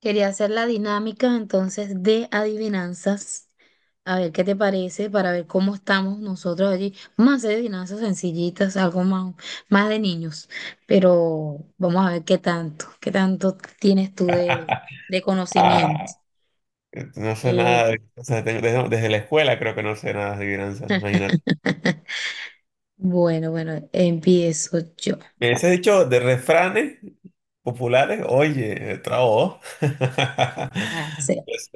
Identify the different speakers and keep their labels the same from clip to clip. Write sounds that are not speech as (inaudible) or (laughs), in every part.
Speaker 1: Quería hacer la dinámica entonces de adivinanzas. A ver qué te parece para ver cómo estamos nosotros allí. Vamos a hacer adivinanzas sencillitas, algo más, más de niños, pero vamos a ver qué tanto tienes tú de conocimiento.
Speaker 2: Ah, no sé
Speaker 1: Eh,
Speaker 2: nada, de- o sea, tengo- desde la escuela creo que no sé nada de adivinanzas, imagínate.
Speaker 1: (laughs) bueno, bueno, empiezo yo.
Speaker 2: Me has dicho de refranes populares, oye, trabo. (laughs)
Speaker 1: A hacer.
Speaker 2: Pues,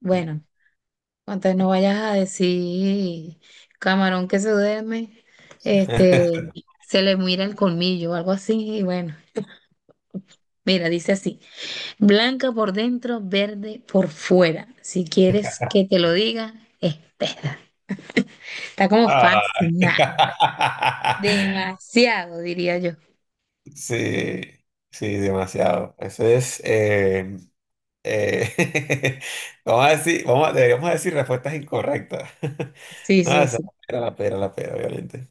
Speaker 1: Bueno. Entonces no vayas a decir, camarón que se duerme, este, se le mira el colmillo o algo así. Y bueno, mira, dice así, blanca por dentro, verde por fuera. Si quieres que te lo diga, espera. Está como fácil,
Speaker 2: ay.
Speaker 1: nah.
Speaker 2: (laughs)
Speaker 1: Demasiado, diría yo.
Speaker 2: Sí, sí, demasiado. Eso es, eh, (laughs) vamos a decir, vamos a- deberíamos decir respuestas incorrectas. (laughs)
Speaker 1: Sí,
Speaker 2: No,
Speaker 1: sí,
Speaker 2: esa
Speaker 1: sí.
Speaker 2: era la pera, obviamente.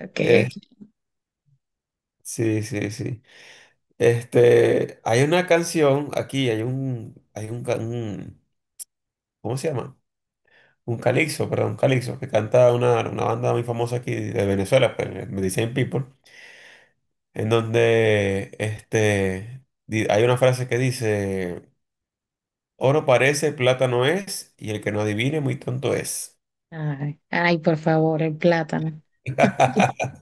Speaker 1: Ok,
Speaker 2: Eh,
Speaker 1: ok.
Speaker 2: sí, sí, sí. Este, hay una canción aquí, hay un, ca- un- ¿cómo se llama? Un calixo, perdón, un calixo, que canta una banda muy famosa aquí de Venezuela, pues, Medicine People, en donde este, di- hay una frase que dice, oro parece, plata no es, y el que no adivine muy tonto es.
Speaker 1: Ay, ay, por favor, el plátano. (laughs)
Speaker 2: (laughs)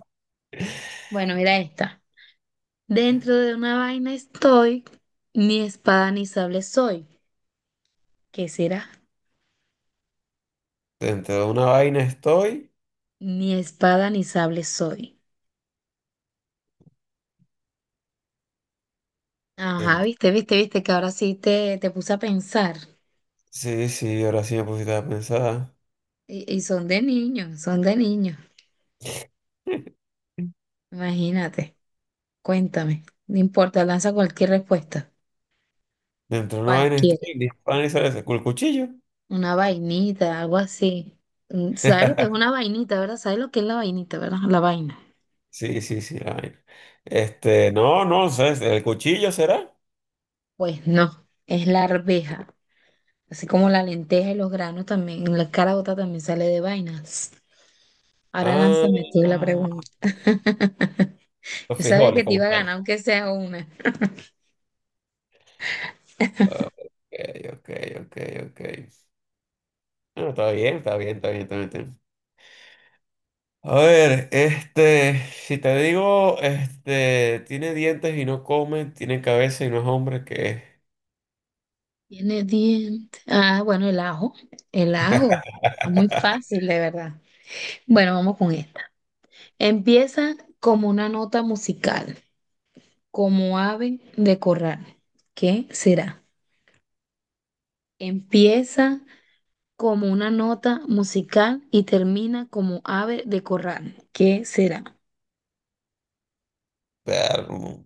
Speaker 1: Bueno, mira esta. Dentro de una vaina estoy, ni espada ni sable soy. ¿Qué será?
Speaker 2: Dentro de una vaina estoy,
Speaker 1: Ni espada ni sable soy. Ajá,
Speaker 2: dentro-
Speaker 1: viste, viste, viste que ahora sí te puse a pensar.
Speaker 2: sí, sí, ahora sí me pusiste a pensar,
Speaker 1: Y son de niños, son de niños.
Speaker 2: (laughs)
Speaker 1: Imagínate, cuéntame. No importa, lanza cualquier respuesta.
Speaker 2: dentro de una vaina estoy,
Speaker 1: Cualquiera.
Speaker 2: dispara y sale el cuchillo.
Speaker 1: Una vainita, algo así. Mm, ¿sabes lo que es
Speaker 2: (laughs)
Speaker 1: una vainita, verdad? ¿Sabes lo que es la vainita, verdad? La vaina.
Speaker 2: Sí, sí, sí, la vaina. Este, no, no, ¿sabes? ¿El cuchillo será?
Speaker 1: Pues no, es la arveja. Así como la lenteja y los granos también, la caraota también sale de vainas. Ahora
Speaker 2: Ah,
Speaker 1: lánzame tú la
Speaker 2: ah,
Speaker 1: pregunta. (laughs)
Speaker 2: los
Speaker 1: Yo sabía que
Speaker 2: frijoles
Speaker 1: te
Speaker 2: como
Speaker 1: iba a
Speaker 2: tal.
Speaker 1: ganar, aunque sea una.
Speaker 2: Ah, ok, ok, ok, ok. Bueno, está bien, está bien, está bien, está bien, está bien. A ver, este, si te digo, este, tiene dientes y no come, tiene cabeza y no es hombre, ¿qué es?
Speaker 1: Tiene dientes. Ah, bueno, el ajo. El ajo. Está muy
Speaker 2: (laughs)
Speaker 1: fácil, de verdad. Bueno, vamos con esta. Empieza como una nota musical, como ave de corral. ¿Qué será? Empieza como una nota musical y termina como ave de corral. ¿Qué será?
Speaker 2: Perro.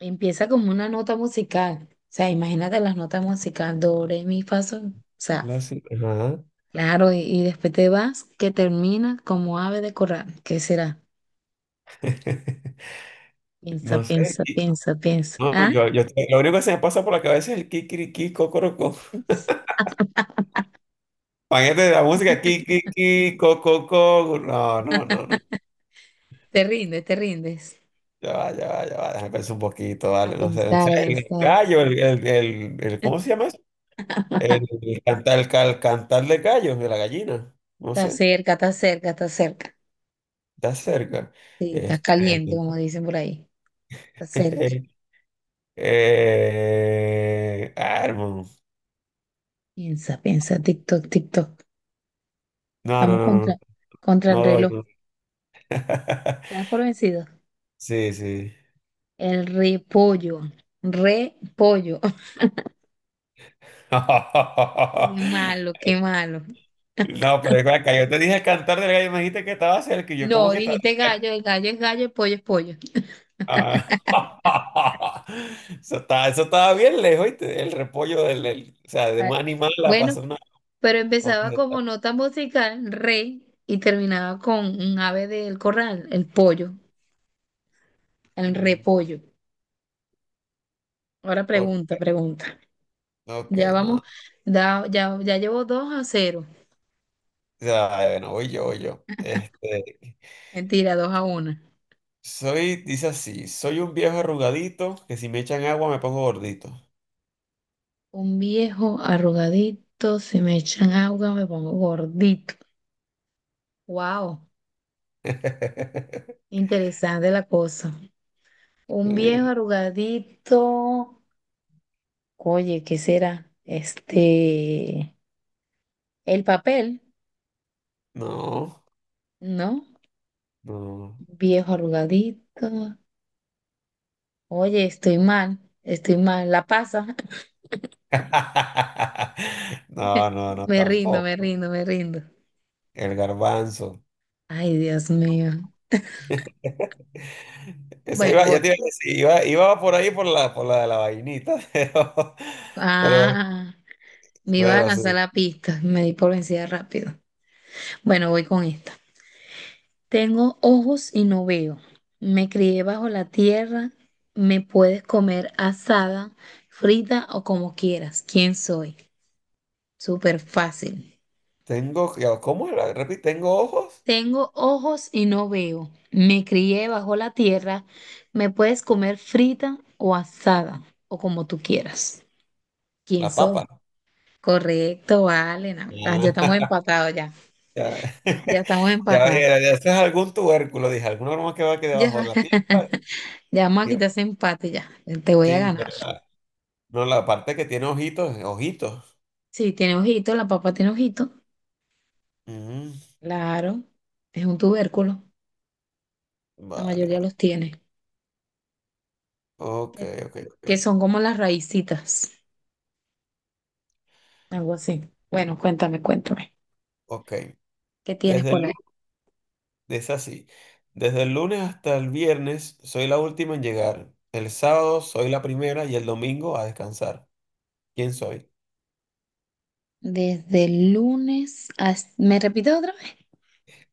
Speaker 1: Empieza como una nota musical. O sea, imagínate las notas musicales. Do, re, mi, fa, sol. O sea,
Speaker 2: La sí- ajá.
Speaker 1: claro, y después te vas que termina como ave de corral. ¿Qué será?
Speaker 2: (laughs)
Speaker 1: Piensa,
Speaker 2: No sé.
Speaker 1: piensa,
Speaker 2: Y-
Speaker 1: piensa, piensa.
Speaker 2: No,
Speaker 1: ¿Ah?
Speaker 2: yo- lo único que se me pasa por la cabeza es el kikiriki, cocorocó. Paquete de la música, ki, ki, ki, co, co, co. No, no, no, no.
Speaker 1: Te rindes, te rindes.
Speaker 2: Ya va, ya va, ya va. Déjame pensar un poquito,
Speaker 1: A
Speaker 2: vale. No sé, no
Speaker 1: pensar,
Speaker 2: sé.
Speaker 1: a
Speaker 2: El
Speaker 1: pensar.
Speaker 2: gallo, el- ¿cómo se llama eso? El cantar, el, cal- cantar de gallo, de la gallina. No
Speaker 1: Está
Speaker 2: sé,
Speaker 1: cerca, está cerca, está cerca.
Speaker 2: está cerca.
Speaker 1: Sí, estás
Speaker 2: Este,
Speaker 1: caliente,
Speaker 2: el-
Speaker 1: como dicen por ahí. Está cerca.
Speaker 2: (laughs) ah, hermano.
Speaker 1: Piensa, piensa, TikTok, TikTok.
Speaker 2: No, no,
Speaker 1: Estamos
Speaker 2: no, no.
Speaker 1: contra, contra el
Speaker 2: No no doy,
Speaker 1: reloj.
Speaker 2: no. (laughs)
Speaker 1: ¿Estás por vencido?
Speaker 2: Sí, sí.
Speaker 1: El repollo. Repollo. (laughs) Qué
Speaker 2: (laughs)
Speaker 1: malo, qué malo.
Speaker 2: No, pero es que yo te dije cantar del gallo, me dijiste que estaba cerca y yo como
Speaker 1: No,
Speaker 2: que estaba.
Speaker 1: dijiste gallo, el gallo es gallo, el pollo es pollo.
Speaker 2: Ah, (laughs) eso estaba, eso estaba bien lejos, ¿oíste? El repollo del, del- o sea, de
Speaker 1: Ah,
Speaker 2: un animal la
Speaker 1: bueno.
Speaker 2: pasó una.
Speaker 1: Pero
Speaker 2: A
Speaker 1: empezaba
Speaker 2: una-
Speaker 1: como nota musical, re, y terminaba con un ave del corral, el pollo, el
Speaker 2: Mm,
Speaker 1: repollo. Ahora
Speaker 2: o-
Speaker 1: pregunta, pregunta.
Speaker 2: ok,
Speaker 1: Ya
Speaker 2: no.
Speaker 1: vamos,
Speaker 2: O
Speaker 1: ya, ya llevo 2-0.
Speaker 2: sea, bueno, voy yo, voy yo. Este,
Speaker 1: Mentira, dos a 1.
Speaker 2: soy, dice así, soy un viejo arrugadito que si me echan agua me pongo gordito.
Speaker 1: Un viejo arrugadito, si me echan agua me pongo gordito. Wow,
Speaker 2: (laughs)
Speaker 1: interesante la cosa. Un viejo
Speaker 2: Sí,
Speaker 1: arrugadito. Oye, ¿qué será? Este, el papel,
Speaker 2: no,
Speaker 1: ¿no?
Speaker 2: no.
Speaker 1: Viejo arrugadito. Oye, estoy mal, estoy mal. La pasa.
Speaker 2: (laughs) No, no,
Speaker 1: (laughs)
Speaker 2: no,
Speaker 1: Me rindo, me
Speaker 2: tampoco.
Speaker 1: rindo, me rindo.
Speaker 2: El garbanzo.
Speaker 1: Ay, Dios mío.
Speaker 2: Esa
Speaker 1: Bueno,
Speaker 2: iba,
Speaker 1: voy.
Speaker 2: ya te iba a decir, iba, iba por ahí por la de la vainita, (laughs) pero,
Speaker 1: Ah, me iba a
Speaker 2: pero sí.
Speaker 1: lanzar la pista. Me di por vencida rápido. Bueno, voy con esta. Tengo ojos y no veo. Me crié bajo la tierra. Me puedes comer asada, frita o como quieras. ¿Quién soy? Súper fácil.
Speaker 2: Tengo, ya, ¿cómo era? Repite, tengo ojos,
Speaker 1: Tengo ojos y no veo. Me crié bajo la tierra. Me puedes comer frita o asada o como tú quieras. ¿Quién
Speaker 2: la
Speaker 1: soy?
Speaker 2: papa.
Speaker 1: Correcto, vale. No. Ah, ya estamos
Speaker 2: Ah,
Speaker 1: empatados ya.
Speaker 2: ya,
Speaker 1: Ya estamos
Speaker 2: (laughs) ya,
Speaker 1: empatados.
Speaker 2: era, ya, eso es algún tubérculo, dije, alguna broma que va aquí
Speaker 1: Ya,
Speaker 2: debajo de la
Speaker 1: (laughs)
Speaker 2: tierra.
Speaker 1: ya vamos a
Speaker 2: Digo,
Speaker 1: quitar ese empate ya. Te voy a
Speaker 2: sí,
Speaker 1: ganar.
Speaker 2: pero la- no, la parte que tiene ojitos, ojitos.
Speaker 1: Sí, tiene ojito, la papa tiene ojito.
Speaker 2: Ujú,
Speaker 1: Claro, es un tubérculo. La
Speaker 2: vale,
Speaker 1: mayoría
Speaker 2: vale.
Speaker 1: los tiene.
Speaker 2: Ok,
Speaker 1: Que
Speaker 2: ok, ok.
Speaker 1: que son como las raícitas, algo así. Bueno, cuéntame, cuéntame.
Speaker 2: Ok.
Speaker 1: ¿Qué tienes
Speaker 2: Desde el
Speaker 1: por ahí?
Speaker 2: Es así. Desde el lunes hasta el viernes soy la última en llegar. El sábado soy la primera y el domingo a descansar. ¿Quién soy?
Speaker 1: Desde el lunes hasta... ¿Me repito otra vez?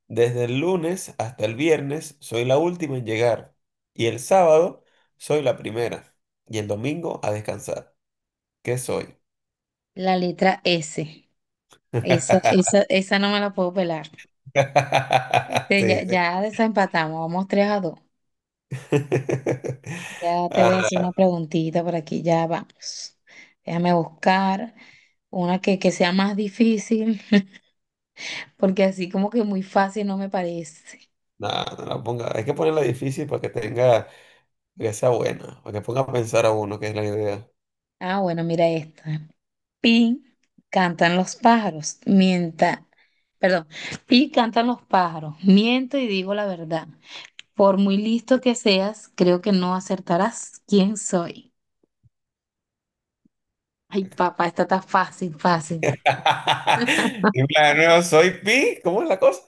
Speaker 2: Desde el lunes hasta el viernes soy la última en llegar. Y el sábado soy la primera y el domingo a descansar. ¿Qué soy?
Speaker 1: La letra S. Esa,
Speaker 2: (laughs)
Speaker 1: esa, esa no me la puedo pelar. Este, ya,
Speaker 2: Sí, sí.
Speaker 1: ya desempatamos, vamos 3-2.
Speaker 2: (laughs)
Speaker 1: Ya te voy a hacer
Speaker 2: Ah,
Speaker 1: una preguntita por aquí, ya vamos. Déjame buscar una que sea más difícil, porque así como que muy fácil no me parece.
Speaker 2: no, no la ponga. Hay que ponerla difícil para que tenga, para que sea buena, para que ponga a pensar a uno, que es la idea.
Speaker 1: Ah, bueno, mira esta. Pi cantan los pájaros, mienta, perdón, pi cantan los pájaros, miento y digo la verdad. Por muy listo que seas, creo que no acertarás quién soy. Ay, papá, esta está fácil, fácil.
Speaker 2: (laughs) Y plan, de nuevo, soy Pi, ¿cómo es la cosa?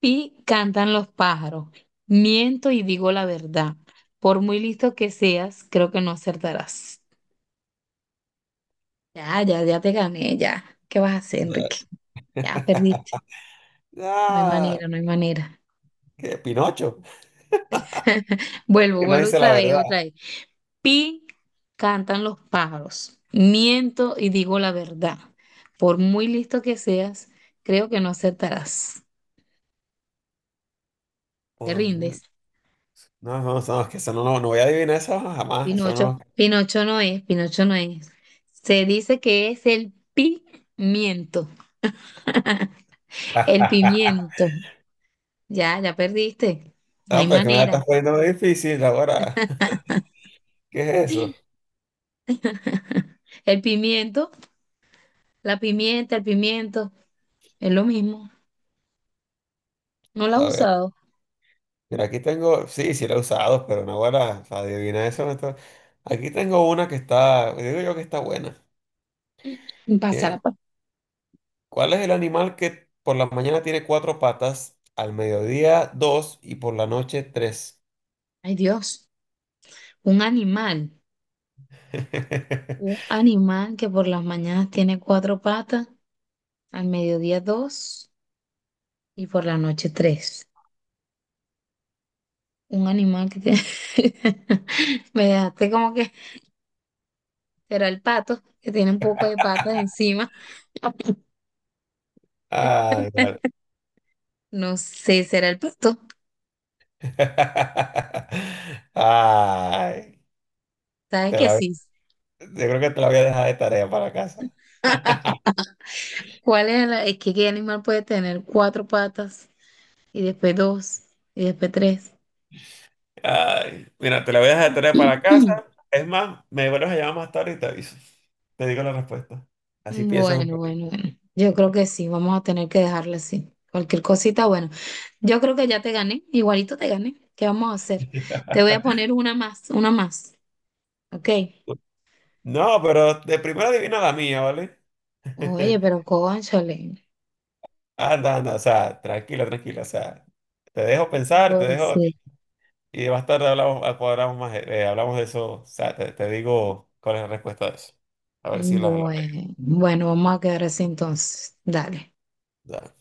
Speaker 1: Y cantan los pájaros. Miento y digo la verdad. Por muy listo que seas, creo que no acertarás. Ya, ya, ya te gané, ya. ¿Qué vas a hacer, Enrique? Ya perdiste. No hay
Speaker 2: Ah,
Speaker 1: manera, no hay manera.
Speaker 2: que Pinocho,
Speaker 1: (laughs) Vuelvo,
Speaker 2: que no
Speaker 1: vuelvo
Speaker 2: dice la
Speaker 1: otra vez,
Speaker 2: verdad.
Speaker 1: otra vez. Pi, cantan los pájaros. Miento y digo la verdad. Por muy listo que seas, creo que no acertarás. Te
Speaker 2: Por mu-
Speaker 1: rindes.
Speaker 2: no, no, no, es que eso no, no, no voy a adivinar eso jamás, eso
Speaker 1: Pinocho.
Speaker 2: no.
Speaker 1: Pinocho no es, Pinocho no es. Se dice que es el pimiento. (laughs) El pimiento. Ya, ya perdiste. No hay
Speaker 2: No, pero que me la
Speaker 1: manera.
Speaker 2: estás poniendo muy difícil ahora. ¿Qué es eso?
Speaker 1: (laughs) El pimiento, la pimienta, el pimiento, es lo mismo. No la has
Speaker 2: A ver,
Speaker 1: usado.
Speaker 2: mira, aquí tengo, sí, sí la he usado, pero no ahora, o sea, adivina eso. No está- Aquí tengo una que está, digo yo que está buena.
Speaker 1: Pasa
Speaker 2: Eh,
Speaker 1: la pa-
Speaker 2: ¿Cuál es el animal que por la mañana tiene cuatro patas, al mediodía dos y por la noche tres?
Speaker 1: Ay, Dios. Un animal. Un
Speaker 2: (laughs)
Speaker 1: animal que por las mañanas tiene cuatro patas, al mediodía dos y por la noche tres. Un animal que tiene... (laughs) Me dejaste como que será el pato, que tiene un poco de patas encima. (laughs)
Speaker 2: Ay, vale.
Speaker 1: No sé, será el pato.
Speaker 2: (laughs) Ay,
Speaker 1: ¿Sabes
Speaker 2: te
Speaker 1: que
Speaker 2: la-
Speaker 1: sí?
Speaker 2: yo creo que te la voy a dejar de tarea para casa.
Speaker 1: (laughs) ¿Cuál es la... Es que qué animal puede tener cuatro patas y después dos y después tres.
Speaker 2: Ay, mira, te la voy a dejar de tarea para
Speaker 1: Iki.
Speaker 2: casa. Es más, me vuelves a llamar más tarde y te aviso. Te digo la respuesta. Así piensas un
Speaker 1: Bueno, bueno,
Speaker 2: ratito.
Speaker 1: bueno. Yo creo que sí, vamos a tener que dejarla así. Cualquier cosita, bueno. Yo creo que ya te gané, igualito te gané. ¿Qué vamos a hacer? Te voy a
Speaker 2: (laughs)
Speaker 1: poner una más, una más. ¿Ok?
Speaker 2: No, pero de primera adivina la mía, ¿vale?
Speaker 1: Oye, pero
Speaker 2: (laughs)
Speaker 1: cónchale,
Speaker 2: Anda, anda, o sea, tranquila, tranquila, o sea, te dejo
Speaker 1: ¿qué te
Speaker 2: pensar,
Speaker 1: puedo
Speaker 2: te dejo,
Speaker 1: decir?
Speaker 2: y más tarde hablamos, cuadramos más, hablamos de eso. O sea, te digo cuál es la respuesta de eso. A ver si la, la
Speaker 1: Bueno, bueno, vamos a quedar así entonces. Dale.
Speaker 2: pego.